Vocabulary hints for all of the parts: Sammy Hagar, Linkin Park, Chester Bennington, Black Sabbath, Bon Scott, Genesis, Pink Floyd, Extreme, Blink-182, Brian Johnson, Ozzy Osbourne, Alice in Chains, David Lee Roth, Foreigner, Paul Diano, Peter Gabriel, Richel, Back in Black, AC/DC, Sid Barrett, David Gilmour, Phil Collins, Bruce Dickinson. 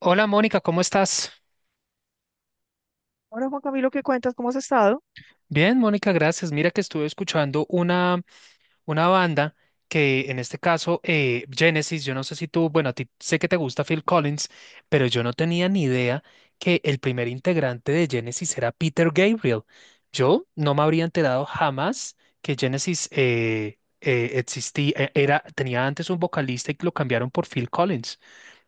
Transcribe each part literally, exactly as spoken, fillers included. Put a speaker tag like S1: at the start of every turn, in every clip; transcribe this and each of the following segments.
S1: Hola Mónica, ¿cómo estás?
S2: Ahora, Juan Camilo, ¿qué cuentas? ¿Cómo has estado?
S1: Bien, Mónica, gracias. Mira que estuve escuchando una, una banda que en este caso, eh, Genesis. Yo no sé si tú, bueno, a ti sé que te gusta Phil Collins, pero yo no tenía ni idea que el primer integrante de Genesis era Peter Gabriel. Yo no me habría enterado jamás que Genesis eh, eh, existía, eh, era, tenía antes un vocalista y lo cambiaron por Phil Collins.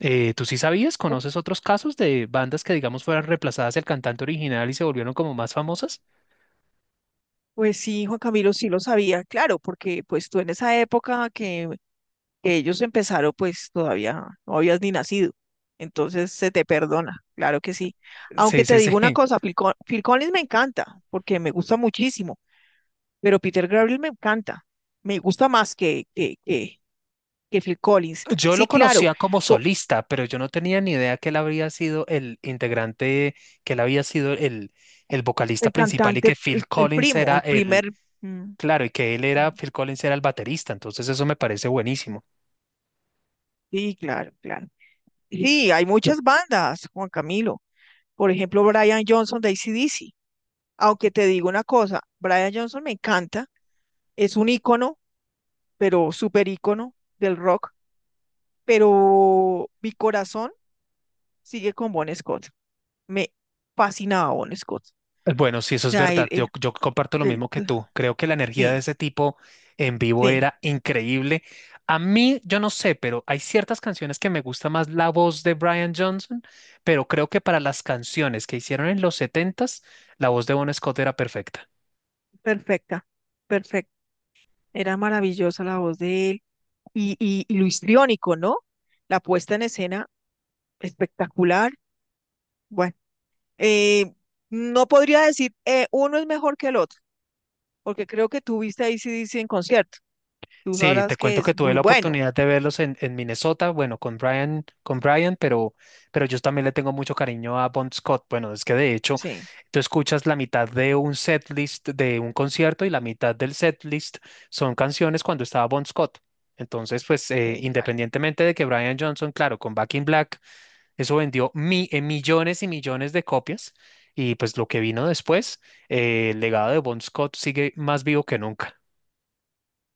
S1: Eh, ¿tú sí sabías? ¿Conoces otros casos de bandas que, digamos, fueran reemplazadas del cantante original y se volvieron como más famosas?
S2: Pues sí, Juan Camilo, sí lo sabía, claro, porque pues tú en esa época que, que ellos empezaron, pues todavía no habías ni nacido. Entonces se te perdona, claro que sí. Aunque
S1: Sí,
S2: te
S1: sí, sí.
S2: digo una cosa, Phil, Col- Phil Collins me encanta, porque me gusta muchísimo, pero Peter Gabriel me encanta, me gusta más que, que, que, que Phil Collins.
S1: Yo
S2: Sí,
S1: lo
S2: claro,
S1: conocía como
S2: po-
S1: solista, pero yo no tenía ni idea que él habría sido el integrante, que él había sido el, el vocalista
S2: el
S1: principal y
S2: cantante,
S1: que
S2: el,
S1: Phil
S2: el
S1: Collins
S2: primo,
S1: era
S2: el
S1: el,
S2: primer... mm,
S1: claro, y que él era,
S2: sí,
S1: Phil Collins era el baterista. Entonces eso me parece buenísimo.
S2: sí, claro, claro. Sí, hay muchas bandas, Juan Camilo. Por ejemplo, Brian Johnson de A C/D C. Aunque te digo una cosa, Brian Johnson me encanta, es un ícono, pero súper ícono del rock, pero mi corazón sigue con Bon Scott. Me fascinaba Bon Scott. O
S1: Eh, Bueno, sí, eso es
S2: sea, el,
S1: verdad.
S2: el-
S1: Yo, yo comparto lo
S2: el-
S1: mismo que tú. Creo que la energía de
S2: sí,
S1: ese tipo en vivo
S2: sí,
S1: era increíble. A mí, yo no sé, pero hay ciertas canciones que me gusta más la voz de Brian Johnson, pero creo que para las canciones que hicieron en los setentas, la voz de Bon Scott era perfecta.
S2: perfecta, perfecta. Era maravillosa la voz de él y, y, y lo histriónico, ¿no? La puesta en escena espectacular. Bueno. Eh, no podría decir eh, uno es mejor que el otro, porque creo que tú viste a AC/D C en concierto. Tú
S1: Sí, te
S2: sabrás que
S1: cuento que
S2: es
S1: tuve
S2: muy
S1: la
S2: bueno.
S1: oportunidad de verlos en, en Minnesota, bueno, con Brian, con Brian, pero, pero yo también le tengo mucho cariño a Bon Scott. Bueno, es que de hecho,
S2: Sí,
S1: tú escuchas la mitad de un setlist de un concierto y la mitad del setlist son canciones cuando estaba Bon Scott. Entonces, pues, eh,
S2: sí, claro.
S1: independientemente de que Brian Johnson, claro, con Back in Black, eso vendió mi- eh, millones y millones de copias. Y pues lo que vino después, eh, el legado de Bon Scott sigue más vivo que nunca.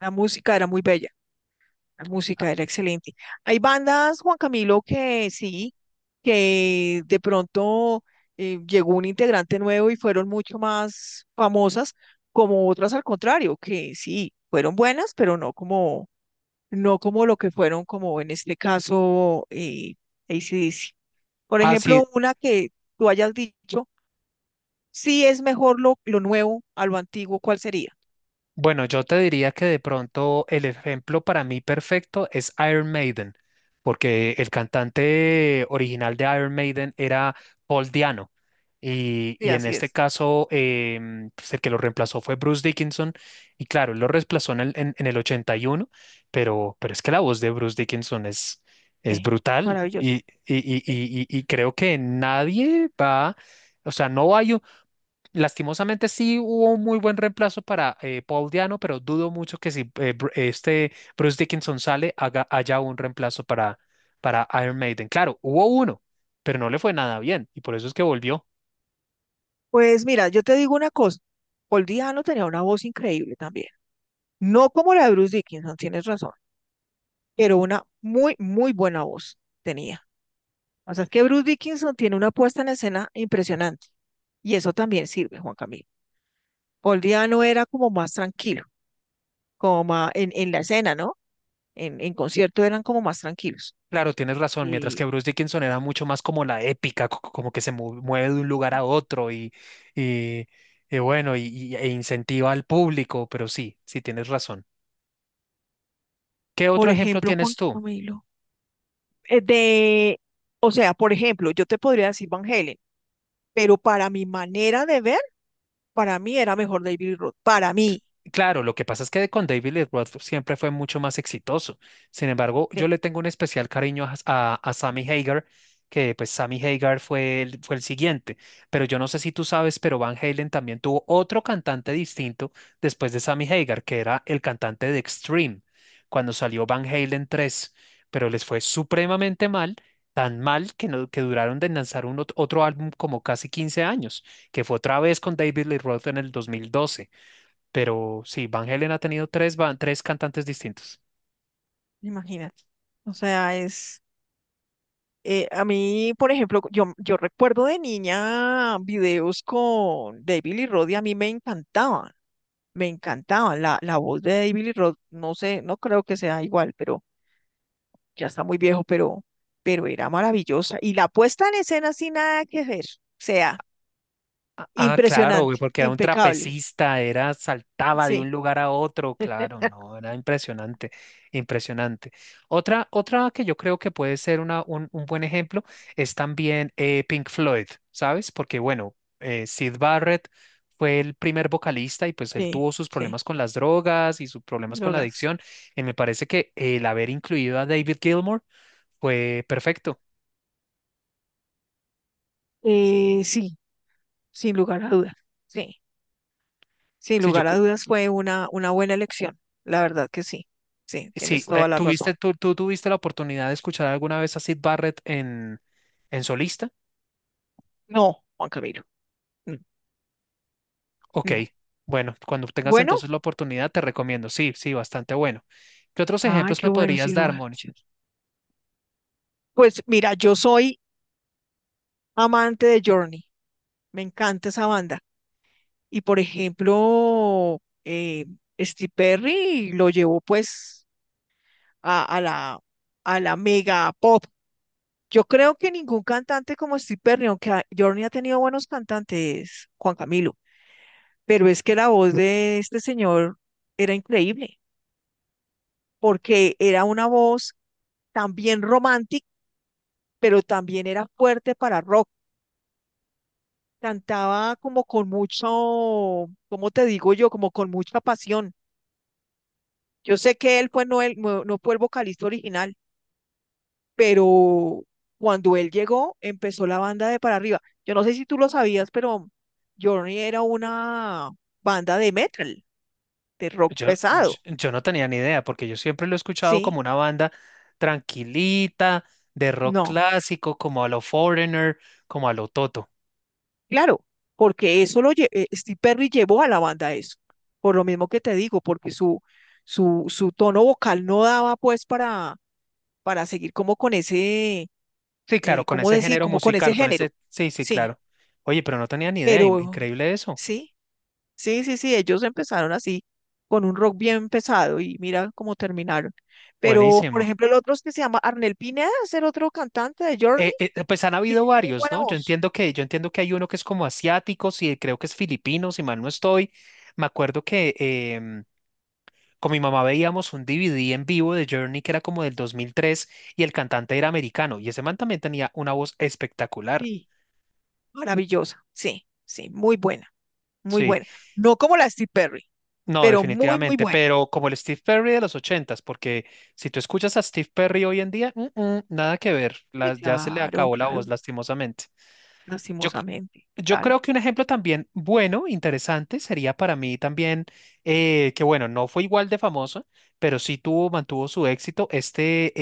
S2: La música era muy bella, la
S1: Ah,
S2: música era excelente. Hay bandas, Juan Camilo, que sí, que de pronto eh, llegó un integrante nuevo y fueron mucho más famosas, como otras al contrario, que sí, fueron buenas, pero no como, no como lo que fueron, como en este caso, eh, A C/D C. Por
S1: ah, sí.
S2: ejemplo, una que tú hayas dicho, sí es mejor lo, lo nuevo a lo antiguo, ¿cuál sería?
S1: Bueno, yo te diría que de pronto el ejemplo para mí perfecto es Iron Maiden, porque el cantante original de Iron Maiden era Paul Diano. Y,
S2: Sí,
S1: y en
S2: así
S1: este
S2: es.
S1: caso, em, pues, el que lo reemplazó fue Bruce Dickinson. Y claro, él lo reemplazó en el, en, en el ochenta y uno, pero, pero es que la voz de Bruce Dickinson es, es
S2: Sí,
S1: brutal.
S2: maravilloso.
S1: Y, y, y,
S2: Sí.
S1: y, y y creo que nadie va, o sea, no hay. Lastimosamente sí hubo un muy buen reemplazo para eh, Paul Diano, pero dudo mucho que si eh, Bru- este Bruce Dickinson sale, haga, haya un reemplazo para, para Iron Maiden. Claro, hubo uno, pero no le fue nada bien y por eso es que volvió.
S2: Pues mira, yo te digo una cosa, Paul Diano tenía una voz increíble también. No como la de Bruce Dickinson, tienes razón, pero una muy, muy buena voz tenía. O sea, es que Bruce Dickinson tiene una puesta en escena impresionante y eso también sirve, Juan Camilo. Paul Diano era como más tranquilo, como más en, en la escena, ¿no? En, en concierto eran como más tranquilos.
S1: Claro, tienes razón, mientras
S2: Y,
S1: que Bruce Dickinson era mucho más como la épica, co- co- como que se mu- mueve de un lugar a otro y, y, y bueno, y, y- e incentiva al público, pero sí, sí tienes razón. ¿Qué otro
S2: por
S1: ejemplo
S2: ejemplo,
S1: tienes
S2: Juan
S1: tú?
S2: Camilo, eh, de, o sea, por ejemplo, yo te podría decir Van Halen, pero para mi manera de ver, para mí era mejor David Roth, para mí,
S1: Claro, lo que pasa es que con David Lee Roth siempre fue mucho más exitoso. Sin embargo, yo
S2: sí,
S1: le tengo un especial cariño a, a- a Sammy Hagar, que pues Sammy Hagar fue el, fue el siguiente. Pero yo no sé si tú sabes, pero Van Halen también tuvo otro cantante distinto después de Sammy Hagar, que era el cantante de Extreme, cuando salió Van Halen tres. Pero les fue supremamente mal, tan mal que, no, que duraron de lanzar un ot- otro álbum como casi quince años, que fue otra vez con David Lee Roth en el dos mil doce. Pero sí, Van Halen ha tenido tres, ba- tres cantantes distintos.
S2: imagínate. O sea, es, eh, a mí, por ejemplo, yo, yo recuerdo de niña videos con David Lee Roth y a mí me encantaban, me encantaban. La, la voz de David Lee Roth, no sé, no creo que sea igual, pero ya está muy viejo, pero, pero era maravillosa. Y la puesta en escena sin nada que ver, o sea,
S1: Ah, ah, claro, güey,
S2: impresionante,
S1: porque era un
S2: impecable.
S1: trapecista, era, saltaba de un
S2: Sí,
S1: lugar a otro, claro, no, era impresionante, impresionante. Otra, otra que yo creo que puede ser una, un, un buen ejemplo es también eh, Pink Floyd, ¿sabes? Porque bueno, eh, Sid Barrett fue el primer vocalista y pues él
S2: sí,
S1: tuvo sus
S2: sí,
S1: problemas con las drogas y sus problemas con la
S2: Logas.
S1: adicción. Y me parece que el haber incluido a David Gilmour fue perfecto.
S2: Eh, sí, sin lugar a dudas, sí, sin
S1: Sí, yo,
S2: lugar a dudas fue una, una buena elección, la verdad que sí, sí, tienes
S1: Sí, eh,
S2: toda la razón.
S1: ¿tuviste, tú, tú tuviste la oportunidad de escuchar alguna vez a Sid Barrett en, en solista?
S2: No, Juan Camilo, no,
S1: Ok,
S2: no.
S1: bueno, cuando tengas
S2: Bueno,
S1: entonces la oportunidad te recomiendo. Sí, sí, bastante bueno. ¿Qué otros
S2: ay,
S1: ejemplos
S2: qué
S1: me
S2: bueno,
S1: podrías
S2: sin
S1: dar,
S2: lugar a
S1: Moni?
S2: dudas. Pues mira, yo soy amante de Journey, me encanta esa banda. Y por ejemplo, eh, Steve Perry lo llevó pues a, a la, a la mega pop. Yo creo que ningún cantante como Steve Perry, aunque a- Journey ha tenido buenos cantantes, Juan Camilo, pero es que la voz de este señor era increíble, porque era una voz también romántica, pero también era fuerte para rock. Cantaba como con mucho, ¿cómo te digo yo? Como con mucha pasión. Yo sé que él fue, no, el, no no fue el vocalista original, pero cuando él llegó, empezó la banda de para arriba. Yo no sé si tú lo sabías, pero Journey era una banda de metal, de rock
S1: Yo, yo,
S2: pesado,
S1: yo no tenía ni idea, porque yo siempre lo he escuchado como
S2: ¿sí?
S1: una banda tranquilita, de rock
S2: No,
S1: clásico, como a lo Foreigner, como a lo Toto.
S2: claro, porque eso lo lle- eh, Steve Perry llevó a la banda a eso, por lo mismo que te digo, porque su, su, su tono vocal no daba pues para, para seguir como con ese,
S1: Sí, claro,
S2: eh,
S1: con
S2: ¿cómo
S1: ese
S2: decir?
S1: género
S2: Como con ese
S1: musical, con ese.
S2: género,
S1: Sí, sí,
S2: sí,
S1: claro. Oye, pero no tenía ni idea, in-
S2: pero
S1: increíble eso.
S2: sí. Sí, sí, sí, ellos empezaron así, con un rock bien pesado y mira cómo terminaron. Pero, por
S1: Buenísimo.
S2: ejemplo, el otro es que se llama Arnel Pineda, es el otro cantante de Journey,
S1: Eh, eh, pues han habido
S2: tiene muy
S1: varios,
S2: buena
S1: ¿no? Yo
S2: voz.
S1: entiendo que, yo entiendo que hay uno que es como asiático, sí, creo que es filipino, si mal no estoy. Me acuerdo que em, con mi mamá veíamos un D V D en vivo de Journey que era como del dos mil tres y el cantante era americano y ese man también tenía una voz espectacular.
S2: Sí, maravillosa. Sí, sí, muy buena, muy
S1: Sí,
S2: buena. No como la de Steve Perry,
S1: no,
S2: pero muy, muy
S1: definitivamente,
S2: buena.
S1: pero como el Steve Perry de los ochentas, porque si tú escuchas a Steve Perry hoy en día, mm, mm, nada que ver,
S2: Sí,
S1: la- ya se le
S2: claro,
S1: acabó la
S2: claro,
S1: voz lastimosamente. Yo,
S2: lastimosamente,
S1: Yo
S2: claro.
S1: creo que un ejemplo también bueno, interesante, sería para mí también, eh, que bueno, no fue igual de famoso, pero sí tuvo, mantuvo su éxito, este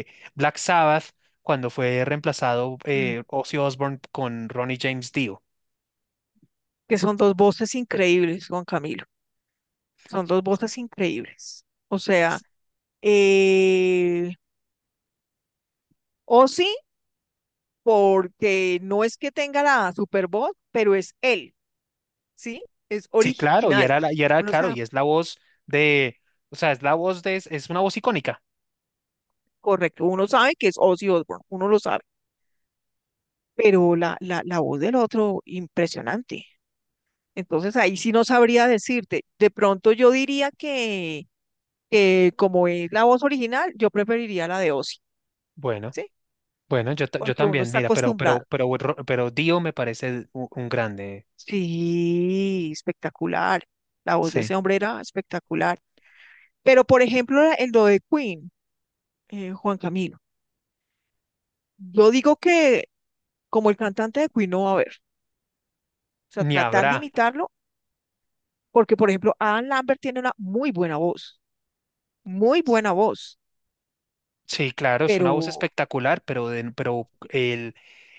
S1: eh, Black Sabbath, cuando fue reemplazado
S2: Mm,
S1: eh, Ozzy Osbourne con Ronnie James Dio.
S2: Que son dos voces increíbles, Juan Camilo. Son dos voces increíbles. O sea, eh, Ozzy porque no es que tenga la super voz, pero es él, ¿sí? Es
S1: Sí, claro, y
S2: original.
S1: era, la- y era,
S2: Uno
S1: claro,
S2: sabe,
S1: y es la voz de, o sea, es la voz de, es es una voz icónica.
S2: correcto, uno sabe que es Ozzy Osbourne, uno lo sabe, pero la, la, la voz del otro, impresionante. Entonces ahí sí no sabría decirte. De pronto yo diría que, que como es la voz original, yo preferiría la de Ozzy,
S1: Bueno,
S2: ¿sí?
S1: bueno, yo, ta- yo
S2: Porque uno
S1: también,
S2: está
S1: mira, pero, pero,
S2: acostumbrado.
S1: pero, Ro- pero Dio me parece un un grande,
S2: Sí, espectacular. La voz de
S1: sí,
S2: ese hombre era espectacular. Pero por ejemplo, la- el lo de Queen, eh, Juan Camilo. Yo digo que como el cantante de Queen no va a haber, o sea,
S1: ni
S2: tratar de
S1: habrá.
S2: imitarlo, porque por ejemplo, Adam Lambert tiene una muy buena voz, muy buena voz,
S1: Sí, claro, es una voz
S2: pero
S1: espectacular, pero, de- pero el,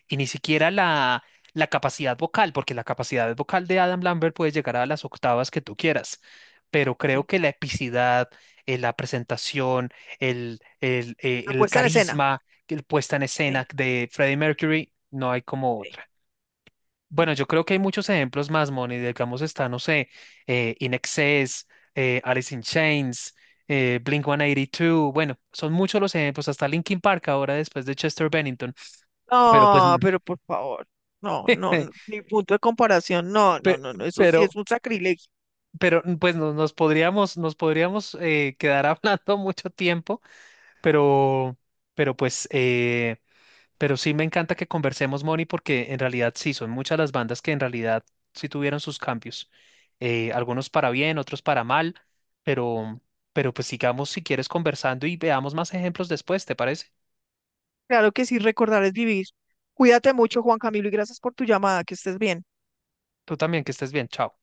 S1: y ni siquiera la, la capacidad vocal, porque la capacidad vocal de Adam Lambert puede llegar a las octavas que tú quieras, pero creo
S2: sí,
S1: que la epicidad, eh, la presentación, el, el, eh,
S2: la
S1: el
S2: puesta en escena.
S1: carisma, que el puesta en
S2: Sí,
S1: escena de Freddie Mercury, no hay como
S2: sí,
S1: otra.
S2: sí.
S1: Bueno, yo creo que hay muchos ejemplos más, Moni. Digamos, está, no sé, eh, In Excess, eh, Alice in Chains, eh, blink uno ochenta y dos. Bueno, son muchos los ejemplos, hasta Linkin Park ahora después de Chester Bennington. Pero pues,
S2: No,
S1: n-
S2: pero por favor, no, no, no, ni punto de comparación, no, no,
S1: pe-
S2: no, no, eso sí es
S1: pero,
S2: un sacrilegio.
S1: pero n- pues nos, nos podríamos, nos podríamos eh, quedar hablando mucho tiempo, pero, pero pues. eh, Pero sí me encanta que conversemos, Moni, porque en realidad sí, son muchas las bandas que en realidad sí tuvieron sus cambios. Eh, algunos para bien, otros para mal, pero, pero pues sigamos si quieres conversando y veamos más ejemplos después, ¿te parece?
S2: Claro que sí, recordar es vivir. Cuídate mucho, Juan Camilo, y gracias por tu llamada, que estés bien.
S1: Tú también, que estés bien, chao.